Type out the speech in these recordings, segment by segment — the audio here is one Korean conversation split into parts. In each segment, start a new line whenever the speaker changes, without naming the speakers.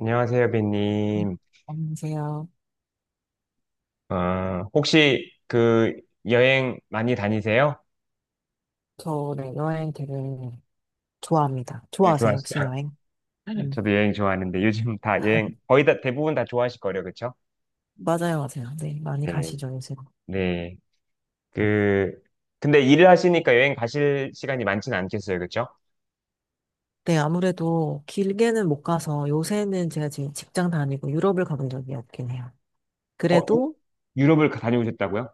안녕하세요,
네.
비님.
안녕하세요.
어, 혹시 그 여행 많이 다니세요?
저 네, 여행 되게 좋아합니다.
네,
좋아하세요, 혹시
좋아하시죠?
여행? 음.
저도 여행 좋아하는데 요즘 다 여행 거의 다 대부분 다 좋아하실 거예요, 그렇죠?
맞아요, 맞아요. 네, 많이
네,
가시죠, 요새.
네. 그 근데 일을 하시니까 여행 가실 시간이 많지는 않겠어요, 그렇죠?
네, 아무래도 길게는 못 가서 요새는 제가 지금 직장 다니고 유럽을 가본 적이 없긴 해요.
어, 유-
그래도,
유럽을 다녀오셨다고요?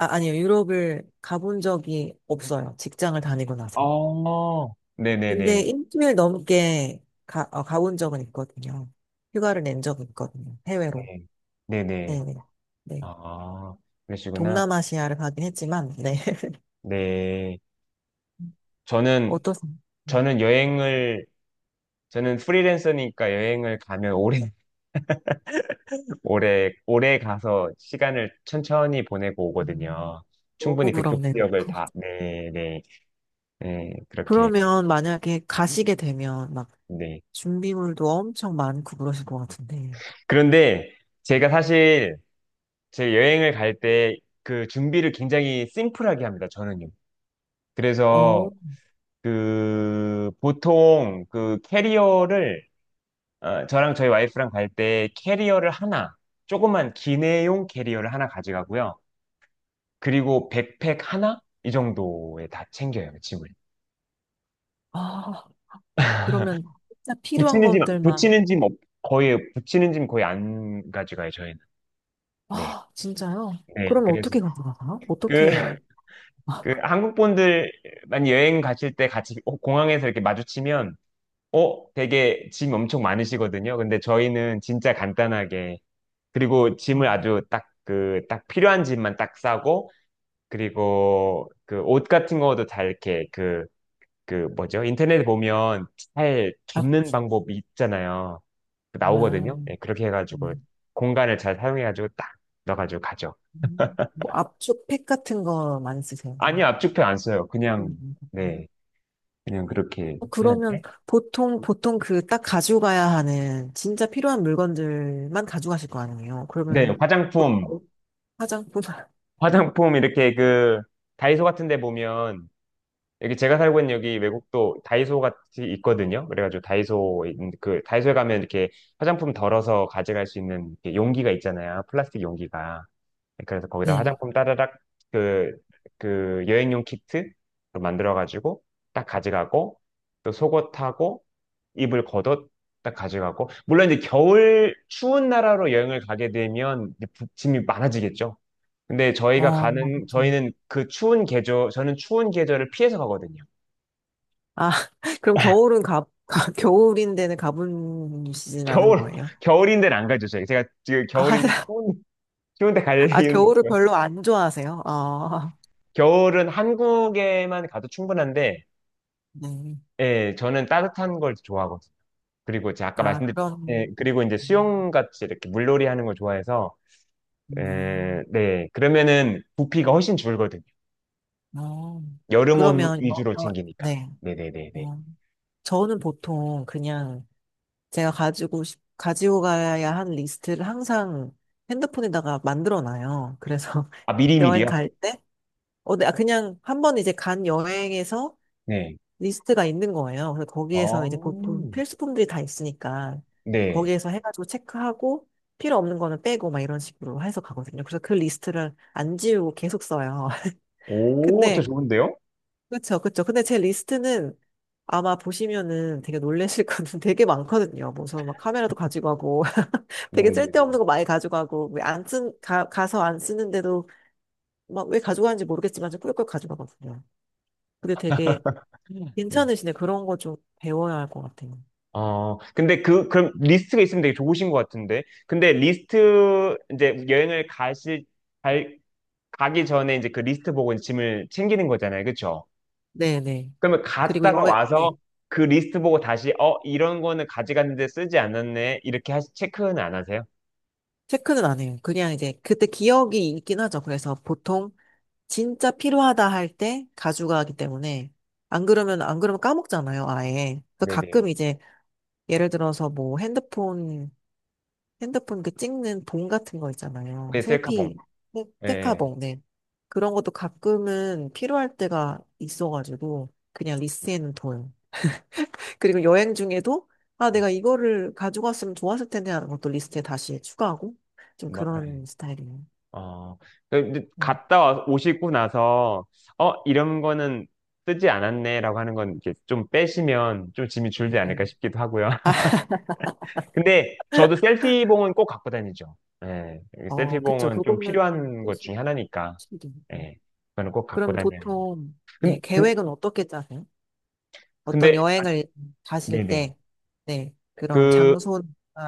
아, 아니요, 유럽을 가본 적이 없어요. 직장을 다니고 나서.
어,
근데
네네네.
일주일 넘게 가본 적은 있거든요. 휴가를 낸 적은 있거든요. 해외로.
네, 네네.
네네. 네. 네.
아, 그러시구나.
동남아시아를 가긴 했지만, 네.
네. 저는,
어떠세요? 음,
저는 여행을 저는 프리랜서니까 여행을 가면 오래 가서 시간을 천천히 보내고
음,
오거든요.
너무
충분히 그쪽
부럽네요.
지역을 다, 네, 네, 네, 그렇게,
그러면 만약에 가시게 되면 막
네.
준비물도 엄청 많고 그러실 것 같은데.
그런데 제가 사실 제 여행을 갈 때 준비를 굉장히 심플하게 합니다, 저는요. 그래서
어,
보통 캐리어를, 저랑 저희 와이프랑 갈 때 캐리어를 하나, 조그만 기내용 캐리어를 하나 가져가고요. 그리고 백팩 하나? 이 정도에 다 챙겨요, 짐을.
아, 그러면 진짜 필요한 것들만.
붙이는 짐 붙이는 짐 거의 안 가져가요, 저희는. 네.
아, 진짜요?
네,
그러면
그래서
어떻게 가져가요?
그,
어떻게,
그 한국 분들만 여행 가실 때 같이 공항에서 이렇게 마주치면, 되게 짐 엄청 많으시거든요. 근데 저희는 진짜 간단하게, 그리고
아,
짐을 아주 딱 필요한 짐만 딱 싸고, 그리고 그 옷 같은 거도 다 이렇게 그 뭐죠? 인터넷에 보면 잘
앞,
접는 방법이 있잖아요. 그 나오거든요.
아,
예, 그렇게 해가지고
음,
공간을 잘 사용해가지고 딱 넣어가지고 가죠.
뭐 압축팩 같은 거 많이 쓰세요?
아니, 요 압축팩 안 써요.
음,
그냥 네,
음,
그냥 그렇게
그러면
하는데.
보통 그 딱 가지고 가야 하는 진짜 필요한 물건들만 가져가실 거 아니에요?
네,
그러면은
화장품,
보통 화장품,
화장품 이렇게 다이소 같은 데 보면 여기 제가 살고 있는 여기 외국도 다이소 같이 있거든요. 그래가지고 다이소에 가면 이렇게 화장품 덜어서 가져갈 수 있는 이렇게 용기가 있잖아요. 플라스틱 용기가. 그래서 거기다
네.
화장품 따다닥 그, 그 여행용 키트 만들어가지고 딱 가져가고 또 속옷하고 입을 겉옷 딱 가져가고 물론 이제 겨울 추운 나라로 여행을 가게 되면 이제 짐이 많아지겠죠. 근데 저희가 가는
그렇죠.
저희는 그 추운 계절 저는 추운 계절을 피해서 가거든요.
아, 그럼 겨울은 겨울인데는 가보시진 않은
겨울
거예요?
겨울인데는 안 가죠. 저희 제가 지금
아,
겨울인데 추운데 갈
아,
이유는
겨울을
없고요.
별로 안 좋아하세요? 아,
겨울은 한국에만 가도 충분한데
네.
예, 저는 따뜻한 걸 좋아하거든요. 그리고 이제 아까
아,
말씀드린, 예,
그럼,
그리고 이제
음,
수영같이 이렇게 물놀이 하는 걸 좋아해서, 예,
음,
네. 그러면은 부피가 훨씬 줄거든요.
어,
여름 옷
그러면,
위주로 챙기니까.
네.
네네네네.
어, 저는 보통 그냥 제가 가지고 가야 할 리스트를 항상 핸드폰에다가 만들어 놔요. 그래서
아,
여행
미리미리요?
갈 때, 네, 아, 그냥 한 번 이제 간 여행에서
네.
리스트가 있는 거예요. 그래서 거기에서 이제 보통
어,
필수품들이 다 있으니까
네.
거기에서 해가지고 체크하고 필요 없는 거는 빼고 막 이런 식으로 해서 가거든요. 그래서 그 리스트를 안 지우고 계속 써요.
오, 저
근데,
좋은데요?
그쵸, 그쵸. 근데 제 리스트는 아마 보시면은 되게 놀라실 거는 되게 많거든요. 무슨 막 카메라도 가지고 가고 되게
네네네.
쓸데없는 거 많이 가져가고, 왜 안 쓴, 가, 가서 안 쓰는데도 막 왜 가져가는지 모르겠지만 좀 꾸역꾸역 가져가거든요. 근데 되게 괜찮으시네. 그런 거 좀 배워야 할 것 같아요.
근데 그럼 리스트가 있으면 되게 좋으신 것 같은데. 근데 리스트, 이제 갈, 가기 전에 이제 그 리스트 보고 짐을 챙기는 거잖아요. 그쵸?
네네.
그러면
그리고
갔다가
여행,
와서
네.
그 리스트 보고 다시 이런 거는 가져갔는데 쓰지 않았네 이렇게 체크는 안 하세요?
체크는 안 해요. 그냥 이제 그때 기억이 있긴 하죠. 그래서 보통 진짜 필요하다 할 때 가져가기 때문에 안 그러면 까먹잖아요. 아예. 그래서
네네.
가끔 이제 예를 들어서 뭐 핸드폰 그 찍는 봉 같은 거 있잖아요.
네 셀카봉. 예.
셀카
예.
봉 네 그런 것도 가끔은 필요할 때가 있어가지고, 그냥 리스트에는 둬요. 그리고 여행 중에도, 아,
어,
내가 이거를 가져갔으면 좋았을 텐데 하는 것도 리스트에 다시 추가하고, 좀
뭐, 예.
그런 스타일이에요.
어. 근데
음,
오시고 나서 이런 거는 쓰지 않았네라고 하는 건 이렇게 좀 빼시면 좀 짐이 줄지 않을까
음.
싶기도 하고요. 근데 저도 셀피봉은 꼭 갖고 다니죠. 예.
그쵸.
셀피봉은 좀
그거는,
필요한 것 중에 하나니까.
필수. 음.
예. 저는 꼭 갖고
그럼
다녀요.
보통, 예,
근, 근,
계획은 어떻게 짜세요? 어떤
근데
여행을 가실
네네.
때, 네, 그런
그,
장소나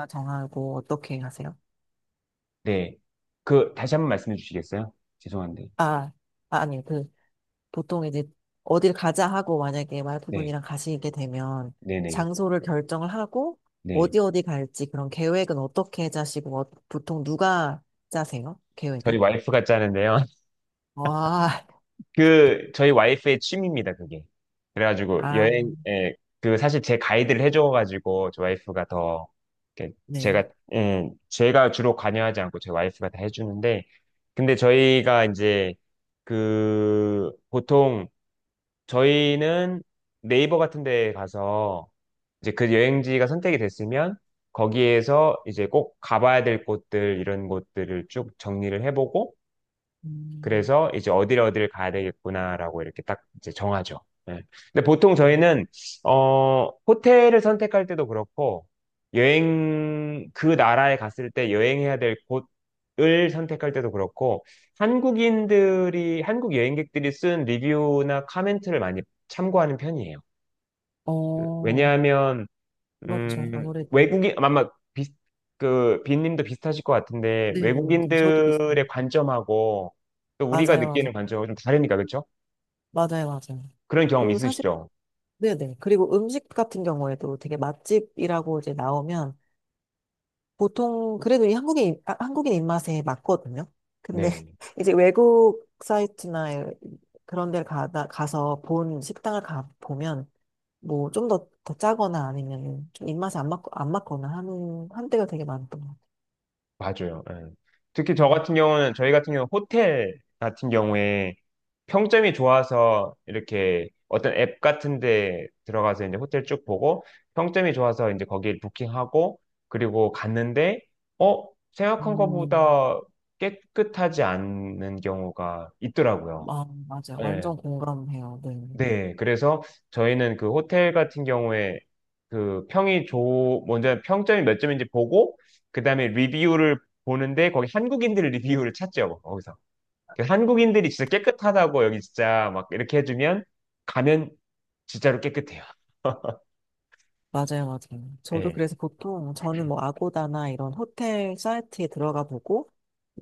정하고 어떻게 하세요?
네. 다시 한 번 말씀해 주시겠어요? 죄송한데.
아, 아, 아니요. 그, 보통 이제 어딜 가자 하고 만약에
네.
와이프분이랑 가시게 되면
네네.
장소를 결정을 하고
네.
어디 어디 갈지 그런 계획은 어떻게 짜시고 보통 누가 짜세요?
저희
계획은?
와이프가 짜는데요.
와,
그, 저희 와이프의 취미입니다, 그게. 그래가지고,
아,
여행, 예, 사실 제 가이드를 해줘가지고, 저 와이프가 더, 이렇게
네.
제가, 예, 제가 주로 관여하지 않고 제 와이프가 다 해주는데, 근데 저희가 이제, 그, 보통, 저희는 네이버 같은 데 가서, 이제 그 여행지가 선택이 됐으면 거기에서 이제 꼭 가봐야 될 곳들 이런 곳들을 쭉 정리를 해보고
음,
그래서 이제 어디를 가야 되겠구나라고 이렇게 딱 이제 정하죠. 예. 근데 보통
음.
저희는 호텔을 선택할 때도 그렇고 여행 그 나라에 갔을 때 여행해야 될 곳을 선택할 때도 그렇고 한국 여행객들이 쓴 리뷰나 카멘트를 많이 참고하는 편이에요.
어,
왜냐하면
그렇죠. 아무래도.
외국인, 아, 아마 비슷, 그, 빈님도 비슷하실 것 같은데,
네, 네, 네. 저도 비슷해요.
외국인들의 관점하고 또 우리가
맞아요, 맞아요.
느끼는 관점하고 좀 다르니까, 그렇죠?
맞아요, 맞아요.
그런 경험
그 사실
있으시죠?
네네. 그리고 음식 같은 경우에도 되게 맛집이라고 이제 나오면 보통 그래도 이 한국인 입맛에 맞거든요. 근데
네.
이제 외국 사이트나 그런 데를 가서 본 식당을 가 보면 뭐 좀 더, 더 짜거나 아니면 좀 입맛에 안 맞거나 하는 한때가 되게 많던 것 같아요.
맞아요. 예. 특히 저
음,
같은 경우는 저희 같은 경우 호텔 같은 경우에 평점이 좋아서 이렇게 어떤 앱 같은 데 들어가서 이제 호텔 쭉 보고 평점이 좋아서 이제 거기에 부킹하고 그리고 갔는데 어 생각한
음,
것보다 깨끗하지 않은 경우가 있더라고요.
아, 맞아.
예.
완전 공감해요. 네.
네, 그래서 저희는 그 호텔 같은 경우에 먼저 평점이 몇 점인지 보고, 그 다음에 리뷰를 보는데 거기 한국인들 리뷰를 찾죠, 거기서. 그 한국인들이 진짜 깨끗하다고 여기 진짜 막 이렇게 해주면 가면 진짜로 깨끗해요.
맞아요, 맞아요. 저도
네.
그래서 보통 저는 뭐 아고다나 이런 호텔 사이트에 들어가 보고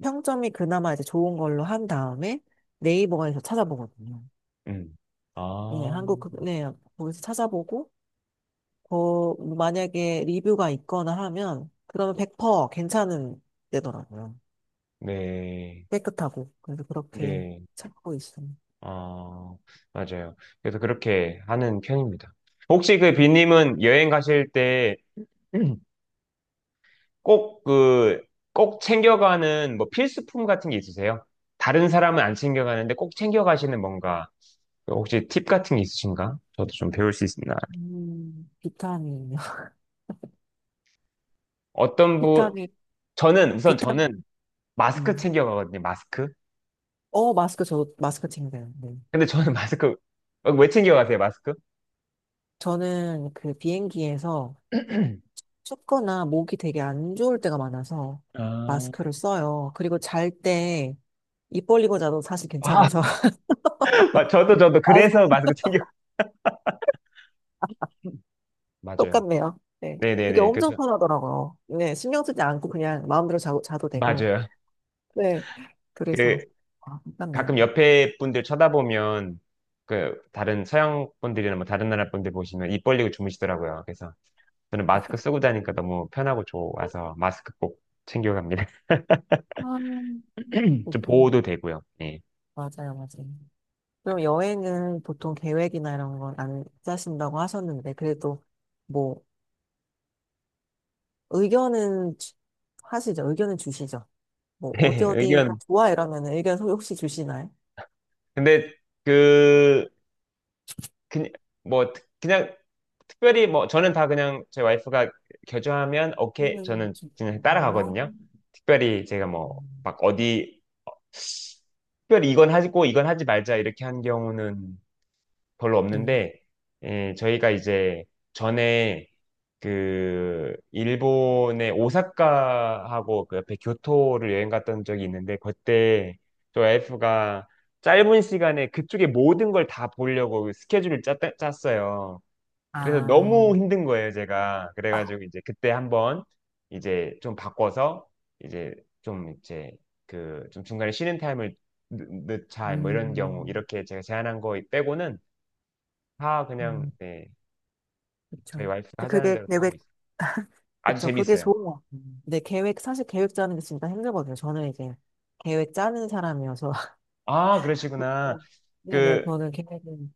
평점이 그나마 이제 좋은 걸로 한 다음에 네이버에서 찾아보거든요.
음.
예,
아,
한국 네, 거기서 찾아보고 뭐 만약에 리뷰가 있거나 하면 그러면 100% 괜찮은 데더라고요.
네.
깨끗하고 그래서 그렇게
네.
찾고 있어요.
아, 맞아요. 그래서 그렇게 하는 편입니다. 혹시
음,
비님은 여행 가실 때 꼭 그, 꼭 챙겨가는 뭐 필수품 같은 게 있으세요? 다른 사람은 안 챙겨가는데 꼭 챙겨가시는 뭔가, 혹시 팁 같은 게 있으신가? 저도 좀 배울 수 있습니다.
비타민이요.
어떤 분,
비타민, 비타민.
저는 마스크
음.
챙겨가거든요, 마스크.
마스크 마스크 챙겨요. 네.
근데 저는 왜 챙겨가세요, 마스크?
저는 그 비행기에서 춥거나 목이 되게 안 좋을 때가 많아서
아,
마스크를 써요. 그리고 잘 때 입 벌리고 자도 사실
아,
괜찮아서.
저도,
아,
그래서 마스크 챙겨. 맞아요.
똑같네요. 네. 그게
네네네,
엄청
그렇죠.
편하더라고요. 네. 신경 쓰지 않고 그냥 마음대로 자고, 자도 되고.
맞아요.
네.
그,
그래서, 아,
가끔
똑같네요.
옆에 분들 쳐다보면 그 다른 서양 분들이나 뭐 다른 나라 분들 보시면 입 벌리고 주무시더라고요. 그래서 저는 마스크 쓰고 다니니까 너무 편하고 좋아서 마스크 꼭 챙겨갑니다.
아, 웃
좀
기네
보호도 되고요. 예.
맞아요, 맞아요. 그럼 여행은 보통 계획이나 이런 건 안 짜신다고 하셨는데, 그래도 뭐, 의견은 하시죠. 의견은 주시죠. 뭐 어디 어디가
의견.
좋아 이러면 의견 혹시 주시나요?
근데 그, 그, 뭐, 그냥 특별히 뭐 저는 다 그냥 제 와이프가 겨주하면 오케이
하는
저는 그냥
중인가요?
따라가거든요. 특별히 제가 뭐
음,
막 어디 특별히 이건 하고 이건 하지 말자 이렇게 한 경우는 별로
네.
없는데, 예, 저희가 이제 전에 그 일본의 오사카하고 그 옆에 교토를 여행 갔던 적이 있는데, 그때 저 와이프가 짧은 시간에 그쪽에 모든 걸 다 보려고 그 스케줄을 짰어요. 그래서
아,
너무 힘든 거예요, 제가.
아,
그래가지고 이제 그때 한번 이제 좀 바꿔서 이제 좀 좀 중간에 쉬는 타임을 넣자 뭐 이런 경우
음,
이렇게 제가 제안한 거 빼고는 다 그냥
음,
네
그쵸.
저희 와이프가
근데
하자는
그게
대로 다 하고
계획,
있어요. 아주
그쵸. 그게
재밌어요.
좋은 것 같아요. 근데 계획, 사실 계획 짜는 게 진짜 힘들거든요. 저는 이제 계획 짜는 사람이어서.
아
그
그러시구나.
네네,
그
저는 계획은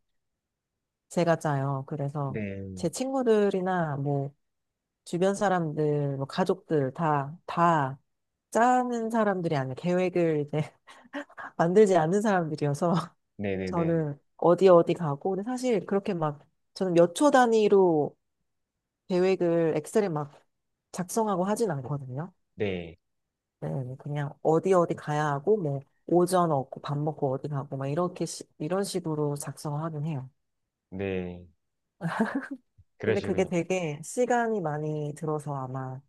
제가 짜요. 그래서
네,
제 친구들이나 뭐 주변 사람들, 뭐 가족들 다 짜는 사람들이 아니에요. 계획을 이제 만들지 않는 사람들이어서
네, 네, 네,
저는 어디 어디 가고 근데 사실 그렇게 막 저는 몇 초 단위로 계획을 엑셀에 막 작성하고 하진 않거든요.
네,
네, 그냥 어디 어디 가야 하고 뭐 오전 얻고 밥 먹고 어디 가고 막 이렇게 이런 식으로 작성하긴 해요.
네,
근데 그게
그러시군요.
되게 시간이 많이 들어서 아마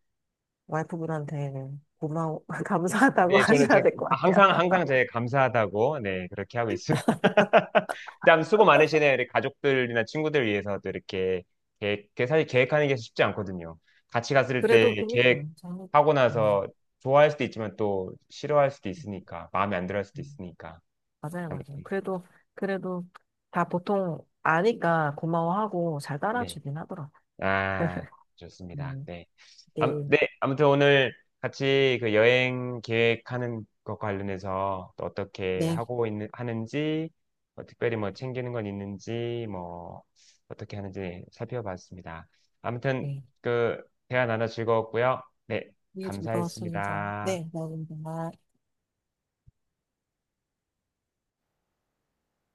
와이프분한테는 고마워 감사하다고
네,
하셔야 될 것 같아요.
항상 항상 제 감사하다고 네 그렇게 하고 있습니다. 참 수고 많으시네요. 우리 가족들이나 친구들 위해서도 이렇게 계획, 그 사실 계획하는 게 쉽지 않거든요. 같이 갔을 때
그래도 재밌어요.
계획하고 나서
음.
좋아할 수도 있지만 또 싫어할 수도 있으니까 마음에 안 들어 할 수도
음.
있으니까
맞아요, 맞아요.
아무튼
그래도 다 보통 아니까 고마워하고 잘
네.
따라주긴 하더라고요.
아, 좋습니다.
음,
네.
네,
네, 아무튼 오늘 같이 그 여행 계획하는 것 관련해서 또
네,
하는지, 뭐 특별히 뭐 챙기는 건 있는지, 뭐 어떻게 하는지 살펴봤습니다. 아무튼
네.
그 대화 나눠 즐거웠고요. 네,
이게 즐거웠습니다.
감사했습니다.
네, 감사합니다.